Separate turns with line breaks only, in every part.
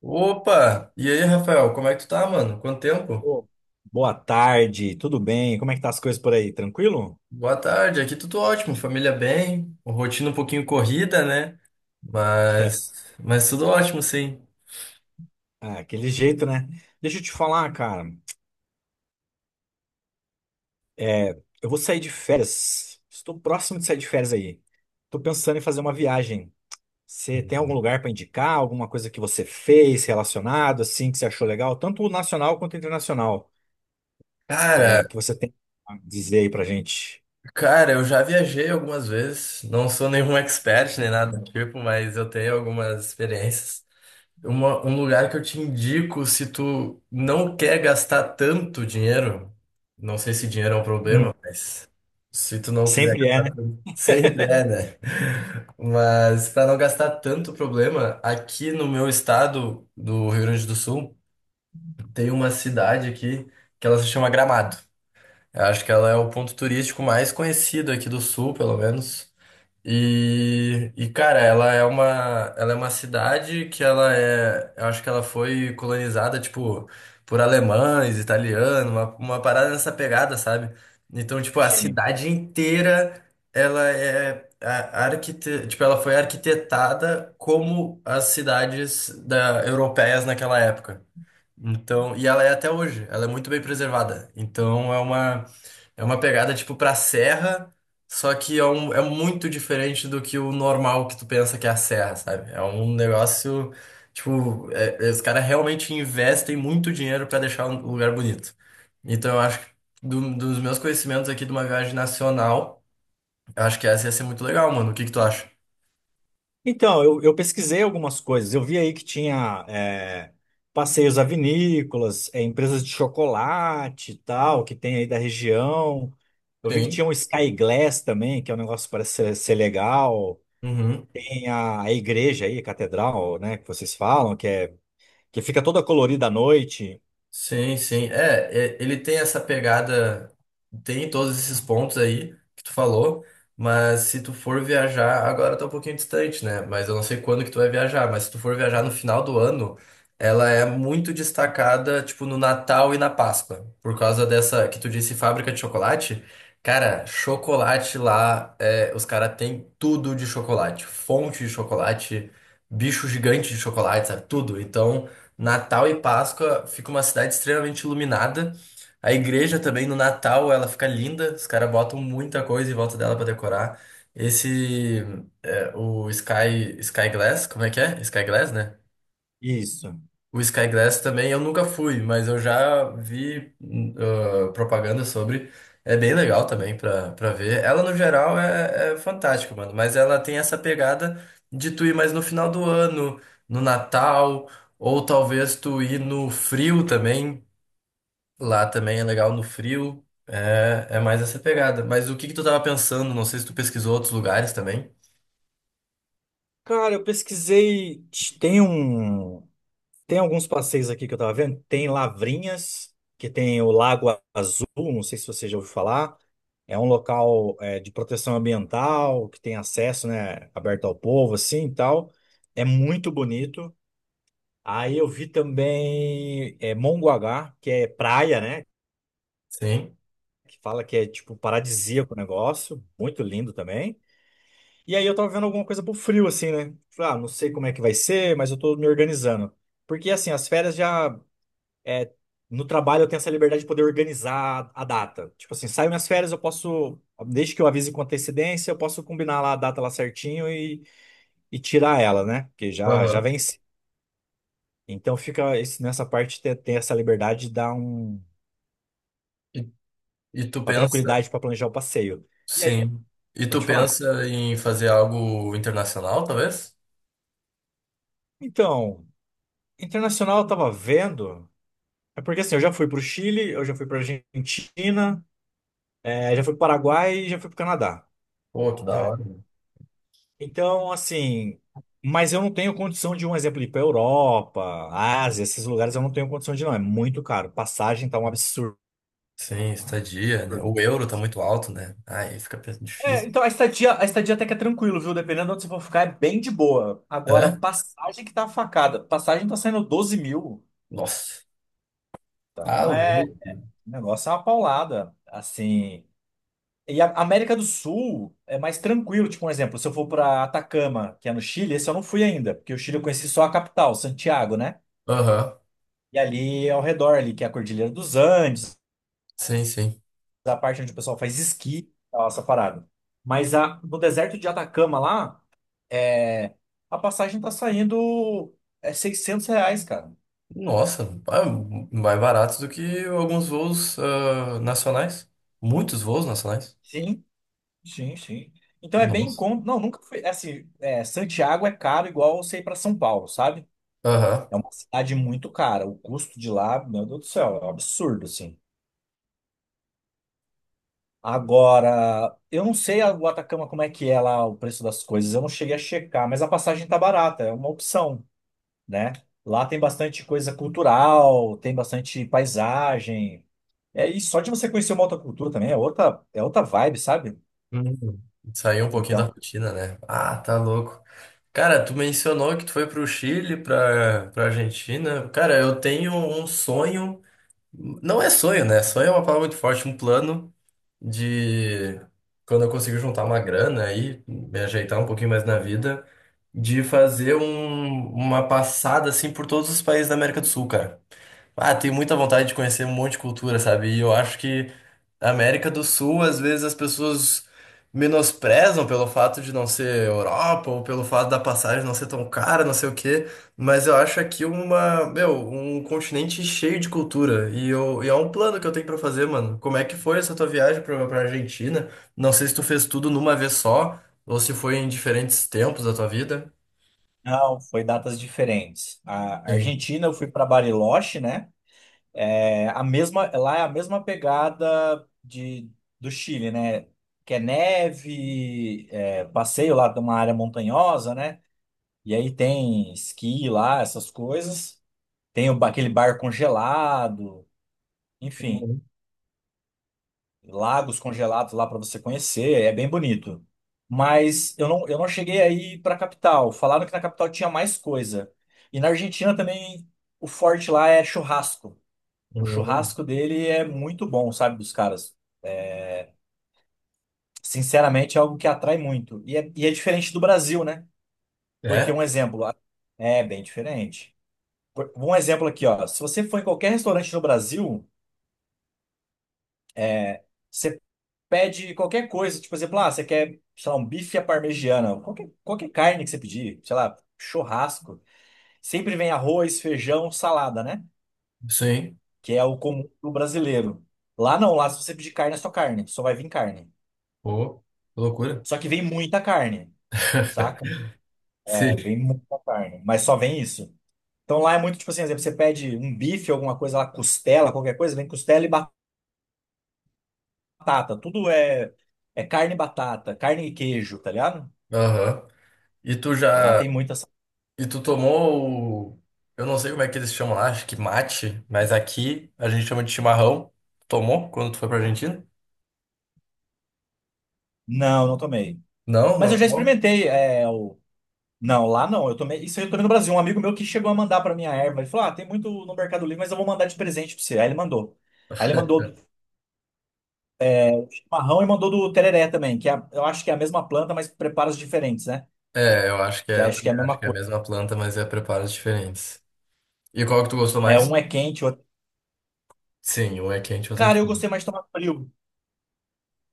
Opa! E aí, Rafael, como é que tu tá, mano? Quanto tempo?
Ô, boa tarde, tudo bem? Como é que tá as coisas por aí? Tranquilo?
Boa tarde, aqui tudo ótimo, família bem, rotina um pouquinho corrida, né?
É,
Mas tudo ótimo, sim.
aquele jeito, né? Deixa eu te falar, cara. É, eu vou sair de férias. Estou próximo de sair de férias aí. Tô pensando em fazer uma viagem. Você tem algum lugar para indicar? Alguma coisa que você fez relacionado, assim, que você achou legal? Tanto nacional quanto internacional,
Cara,
que você tem a dizer aí pra gente.
cara, eu já viajei algumas vezes, não sou nenhum expert nem nada do tipo, mas eu tenho algumas experiências. Um lugar que eu te indico se tu não quer gastar tanto dinheiro, não sei se dinheiro é um
Hum,
problema, mas se tu não quiser
sempre
gastar
é,
tanto, sempre é, né? Mas para não gastar tanto problema, aqui no meu estado do Rio Grande do Sul, tem uma cidade aqui que ela se chama Gramado. Eu acho que ela é o ponto turístico mais conhecido aqui do sul, pelo menos. E cara, ela é uma cidade que ela é, eu acho que ela foi colonizada, tipo, por alemães, italianos, uma parada nessa pegada, sabe? Então, tipo, a
né?
cidade inteira, ela é a- arquite, tipo, ela foi arquitetada como as cidades da, europeias naquela época. Então, e ela é até hoje, ela é muito bem preservada. É uma pegada tipo pra serra, só que é, um, é muito diferente do que o normal que tu pensa que é a serra, sabe? É um negócio tipo, os caras realmente investem muito dinheiro pra deixar um lugar bonito. Então eu acho que dos meus conhecimentos aqui de uma viagem nacional, eu acho que essa ia ser muito legal, mano. O que que tu acha?
Então, eu pesquisei algumas coisas. Eu vi aí que tinha passeios a vinícolas, é, empresas de chocolate e tal, que tem aí da região. Eu vi que tinha
Sim.
um Sky Glass também, que é um negócio que parece ser legal. Tem a igreja aí, a catedral, né, que vocês falam, que fica toda colorida à noite.
Sim, sim. É, é, ele tem essa pegada, tem todos esses pontos aí que tu falou, mas se tu for viajar, agora tá um pouquinho distante, né? Mas eu não sei quando que tu vai viajar, mas se tu for viajar no final do ano, ela é muito destacada, tipo, no Natal e na Páscoa, por causa dessa que tu disse fábrica de chocolate. Cara, chocolate lá, é, os caras têm tudo de chocolate, fonte de chocolate, bicho gigante de chocolate, sabe? Tudo. Então. Natal e Páscoa fica uma cidade extremamente iluminada. A igreja também no Natal ela fica linda, os caras botam muita coisa em volta dela pra decorar. Esse é, o Sky Glass, como é que é? Sky Glass, né?
Isso.
O Sky Glass também eu nunca fui, mas eu já vi propaganda sobre. É bem legal também pra, pra ver. Ela, no geral, é, é fantástica, mano. Mas ela tem essa pegada de tu ir mais no final do ano, no Natal, ou talvez tu ir no frio também. Lá também é legal no frio. É, é mais essa pegada. Mas o que que tu tava pensando? Não sei se tu pesquisou outros lugares também.
Cara, eu pesquisei. Tem um. Tem alguns passeios aqui que eu tava vendo. Tem Lavrinhas, que tem o Lago Azul, não sei se você já ouviu falar. É um local de proteção ambiental, que tem acesso, né, aberto ao povo, assim, e tal. É muito bonito. Aí eu vi também Mongaguá, que é praia, né,
Sim.
que fala que é, tipo, paradisíaco o negócio. Muito lindo também. E aí eu tava vendo alguma coisa pro frio, assim, né? Falei: ah, não sei como é que vai ser, mas eu tô me organizando. Porque, assim, as férias já é, no trabalho eu tenho essa liberdade de poder organizar a data. Tipo assim, saio minhas férias, eu posso, desde que eu avise com antecedência, eu posso combinar lá a data lá certinho e tirar ela, né? Porque já, já
Aham.
vence. Então fica nessa parte ter essa liberdade de dar um,
E, e tu
uma
pensa.
tranquilidade para planejar o passeio. E aí,
Sim. E tu
pode falar?
pensa em fazer algo internacional, talvez?
Então, internacional eu tava vendo. É porque assim, eu já fui pro Chile, eu já fui pra Argentina, é, já fui pro Paraguai e já fui pro Canadá.
Pô, que da
Né?
hora. Né?
Então, assim, mas eu não tenho condição de, um exemplo, ir para Europa, Ásia, esses lugares eu não tenho condição de ir, não. É muito caro. Passagem tá um absurdo.
Sim, estadia, né? O euro tá muito alto, né? Aí fica
É,
difícil.
então a estadia até que é tranquilo, viu? Dependendo de onde você for ficar, é bem de boa. Agora,
É?
passagem que tá facada. Passagem tá saindo 12.000.
Nossa. Tá
Então é.
louco.
O negócio é uma paulada. Assim. E a América do Sul é mais tranquilo. Tipo, um exemplo, se eu for pra Atacama, que é no Chile, esse eu não fui ainda, porque o Chile eu conheci só a capital, Santiago, né?
Aham.
E ali ao redor, ali, que é a Cordilheira dos Andes,
Sim, sim.
a parte onde o pessoal faz esqui, tal, essa parada. Mas no deserto de Atacama lá, é, a passagem tá saindo R$ 600, cara.
Nossa, ah, mais barato do que alguns voos ah, nacionais. Muitos voos nacionais.
Sim, sim, sim. Então é bem em
Nossa.
conta. Não, nunca foi. Assim, é, Santiago é caro igual você ir pra São Paulo, sabe?
Aham.
É uma cidade muito cara. O custo de lá, meu Deus do céu, é um absurdo, assim. Agora, eu não sei o Atacama como é que é lá o preço das coisas, eu não cheguei a checar, mas a passagem tá barata, é uma opção, né? Lá tem bastante coisa cultural, tem bastante paisagem. É, e só de você conhecer uma outra cultura também é outra vibe, sabe?
Hum, saiu um pouquinho da
Então,
rotina, né? Ah, tá louco. Cara, tu mencionou que tu foi pro Chile, pra, pra Argentina. Cara, eu tenho um sonho. Não é sonho, né? Sonho é uma palavra muito forte, um plano de quando eu conseguir juntar uma grana aí, me ajeitar um pouquinho mais na vida, de fazer uma passada assim por todos os países da América do Sul, cara. Ah, tenho muita vontade de conhecer um monte de cultura, sabe? E eu acho que a América do Sul, às vezes as pessoas menosprezam pelo fato de não ser Europa ou pelo fato da passagem não ser tão cara, não sei o quê, mas eu acho aqui uma, meu, um continente cheio de cultura e é um plano que eu tenho pra fazer, mano. Como é que foi essa tua viagem pra, pra Argentina? Não sei se tu fez tudo numa vez só ou se foi em diferentes tempos da tua vida.
não, foi datas diferentes. A
Sim.
Argentina eu fui para Bariloche, né? É a mesma, lá é a mesma pegada de, do Chile, né? Que é neve, é, passeio lá, tem uma área montanhosa, né? E aí tem esqui lá, essas coisas. Tem o aquele bar congelado, enfim,
Uhum.
lagos congelados lá para você conhecer, é bem bonito. Mas eu não cheguei aí para a capital. Falaram que na capital tinha mais coisa. E na Argentina também o forte lá é churrasco. O
Uhum.
churrasco dele é muito bom, sabe, dos caras. Sinceramente, é algo que atrai muito. E é diferente do Brasil, né?
É,
Porque um exemplo, é bem diferente. Um exemplo aqui, ó. Se você for em qualquer restaurante no Brasil, você pede qualquer coisa, tipo, por exemplo, ah, você quer, sei lá, um bife à parmegiana, qualquer carne que você pedir, sei lá, churrasco, sempre vem arroz, feijão, salada, né?
sim.
Que é o comum do brasileiro. Lá não, lá se você pedir carne, é só carne, só vai vir carne.
Pô, que loucura.
Só que vem muita carne, saca? É,
Sim.
vem muita carne, mas só vem isso. Então lá é muito tipo assim, por exemplo, você pede um bife, alguma coisa lá, costela, qualquer coisa, vem costela e batata. É carne e batata, carne e queijo, tá ligado?
Aham. E tu
Lá
já.
tem muita.
E tu tomou o... Eu não sei como é que eles chamam lá, acho que mate, mas aqui a gente chama de chimarrão. Tomou quando tu foi pra Argentina?
Não, não tomei.
Não,
Mas
não
eu já
tomou?
experimentei. Não, lá não. Eu tomei. Isso eu tomei no Brasil. Um amigo meu que chegou a mandar pra minha erva. Ele falou: ah, tem muito no Mercado Livre, mas eu vou mandar de presente pra você. Aí ele mandou. Aí ele mandou do chimarrão e mandou do tereré também, eu acho que é a mesma planta, mas preparos diferentes, né?
É, eu acho que
Que
é, eu
acho que é a
também acho
mesma
que é a
coisa.
mesma planta, mas é preparos diferentes. E qual que tu gostou
É,
mais?
um é quente, o outro.
Sim, um é quente, outro é
Cara, eu
frio.
gostei mais de tomar frio.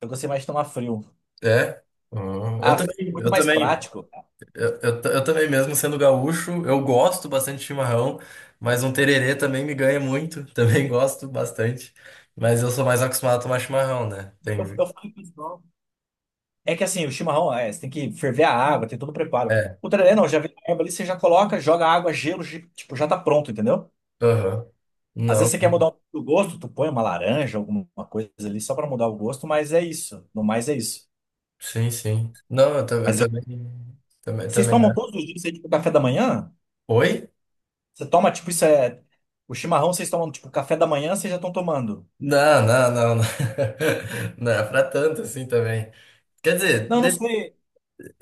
Eu gostei mais de tomar frio.
É? Eu
Ah, fica
também,
muito
eu
mais
também,
prático.
eu também mesmo sendo gaúcho, eu gosto bastante de chimarrão, mas um tererê também me ganha muito, também gosto bastante. Mas eu sou mais acostumado a tomar chimarrão, né?
Eu,
Tem.
eu falei pro pessoal, é que assim, o chimarrão, é, você tem que ferver a água, tem todo o preparo.
É,
O tererê não, já vem a erva ali, você já coloca, joga água, gelo, tipo, já tá pronto, entendeu?
aham.
Às vezes
Não,
você quer mudar um pouco do gosto, tu põe uma laranja, alguma coisa ali, só pra mudar o gosto, mas é isso. No mais é isso.
sim, sim. Não, eu
Mas eu-
também, também,
vocês
também.
tomam todos os dias aí, tipo, café da manhã?
Oi?
Você toma, tipo, isso é. O chimarrão vocês tomam, tipo, café da manhã, vocês já estão tomando.
Não, não, não, não. Não é pra tanto assim também. Quer dizer,
Não, não
de-
sei.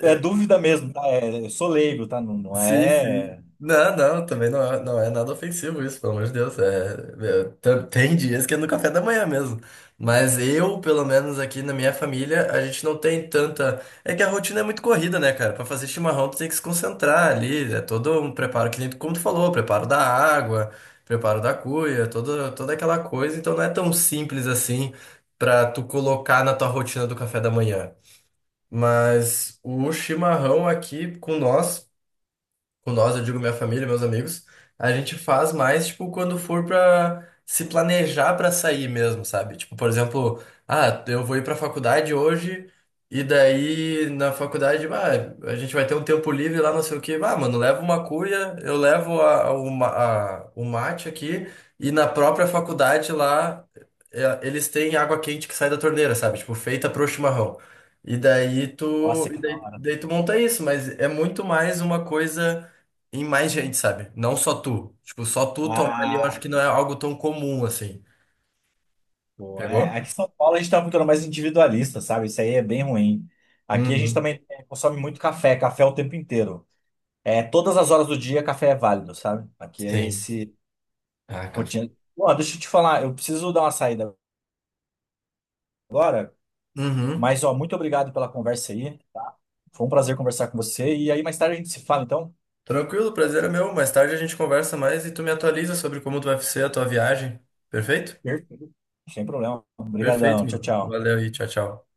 É dúvida mesmo, tá? É, eu sou leigo, tá? Não, não
sim, sim.
é.
Não, não, também não é, não é nada ofensivo isso, pelo amor de Deus. É, é, tem dias que é no café da manhã mesmo. Mas eu, pelo menos aqui na minha família, a gente não tem tanta. É que a rotina é muito corrida, né, cara? Pra fazer chimarrão, tu tem que se concentrar ali. É todo um preparo que nem como tu falou, preparo da água, preparo da cuia, toda aquela coisa. Então não é tão simples assim pra tu colocar na tua rotina do café da manhã. Mas o chimarrão aqui com nós, eu digo minha família, meus amigos, a gente faz mais, tipo, quando for pra se planejar pra sair mesmo, sabe? Tipo, por exemplo, ah, eu vou ir pra faculdade hoje, e daí na faculdade, ah, a gente vai ter um tempo livre lá, não sei o quê. Ah, mano, leva uma cuia, eu levo a, o ma- a- o mate aqui, e na própria faculdade lá. É, eles têm água quente que sai da torneira, sabe? Tipo, feita pro chimarrão.
Nossa, que da hora.
Daí tu monta isso, mas é muito mais uma coisa em mais gente, sabe? Não só tu. Tipo, só tu tomar ali, eu acho
Ah.
que não é algo tão comum assim.
Pô, é,
Pegou?
aqui em São Paulo a gente tem uma cultura mais individualista, sabe? Isso aí é bem ruim. Aqui a gente
Uhum.
também é, consome muito café, café o tempo inteiro. É, todas as horas do dia café é válido, sabe? Aqui é
Sim.
esse
Ah, café.
rotina. Ó, deixa eu te falar, eu preciso dar uma saída agora,
Uhum.
mas ó, muito obrigado pela conversa aí, tá? Foi um prazer conversar com você e aí mais tarde a gente se fala, então.
Tranquilo, prazer é meu. Mais tarde a gente conversa mais e tu me atualiza sobre como tu vai ser a tua viagem. Perfeito?
Perfeito. Sem problema.
Perfeito,
Obrigadão. Tchau,
mano.
tchau.
Valeu aí, tchau, tchau.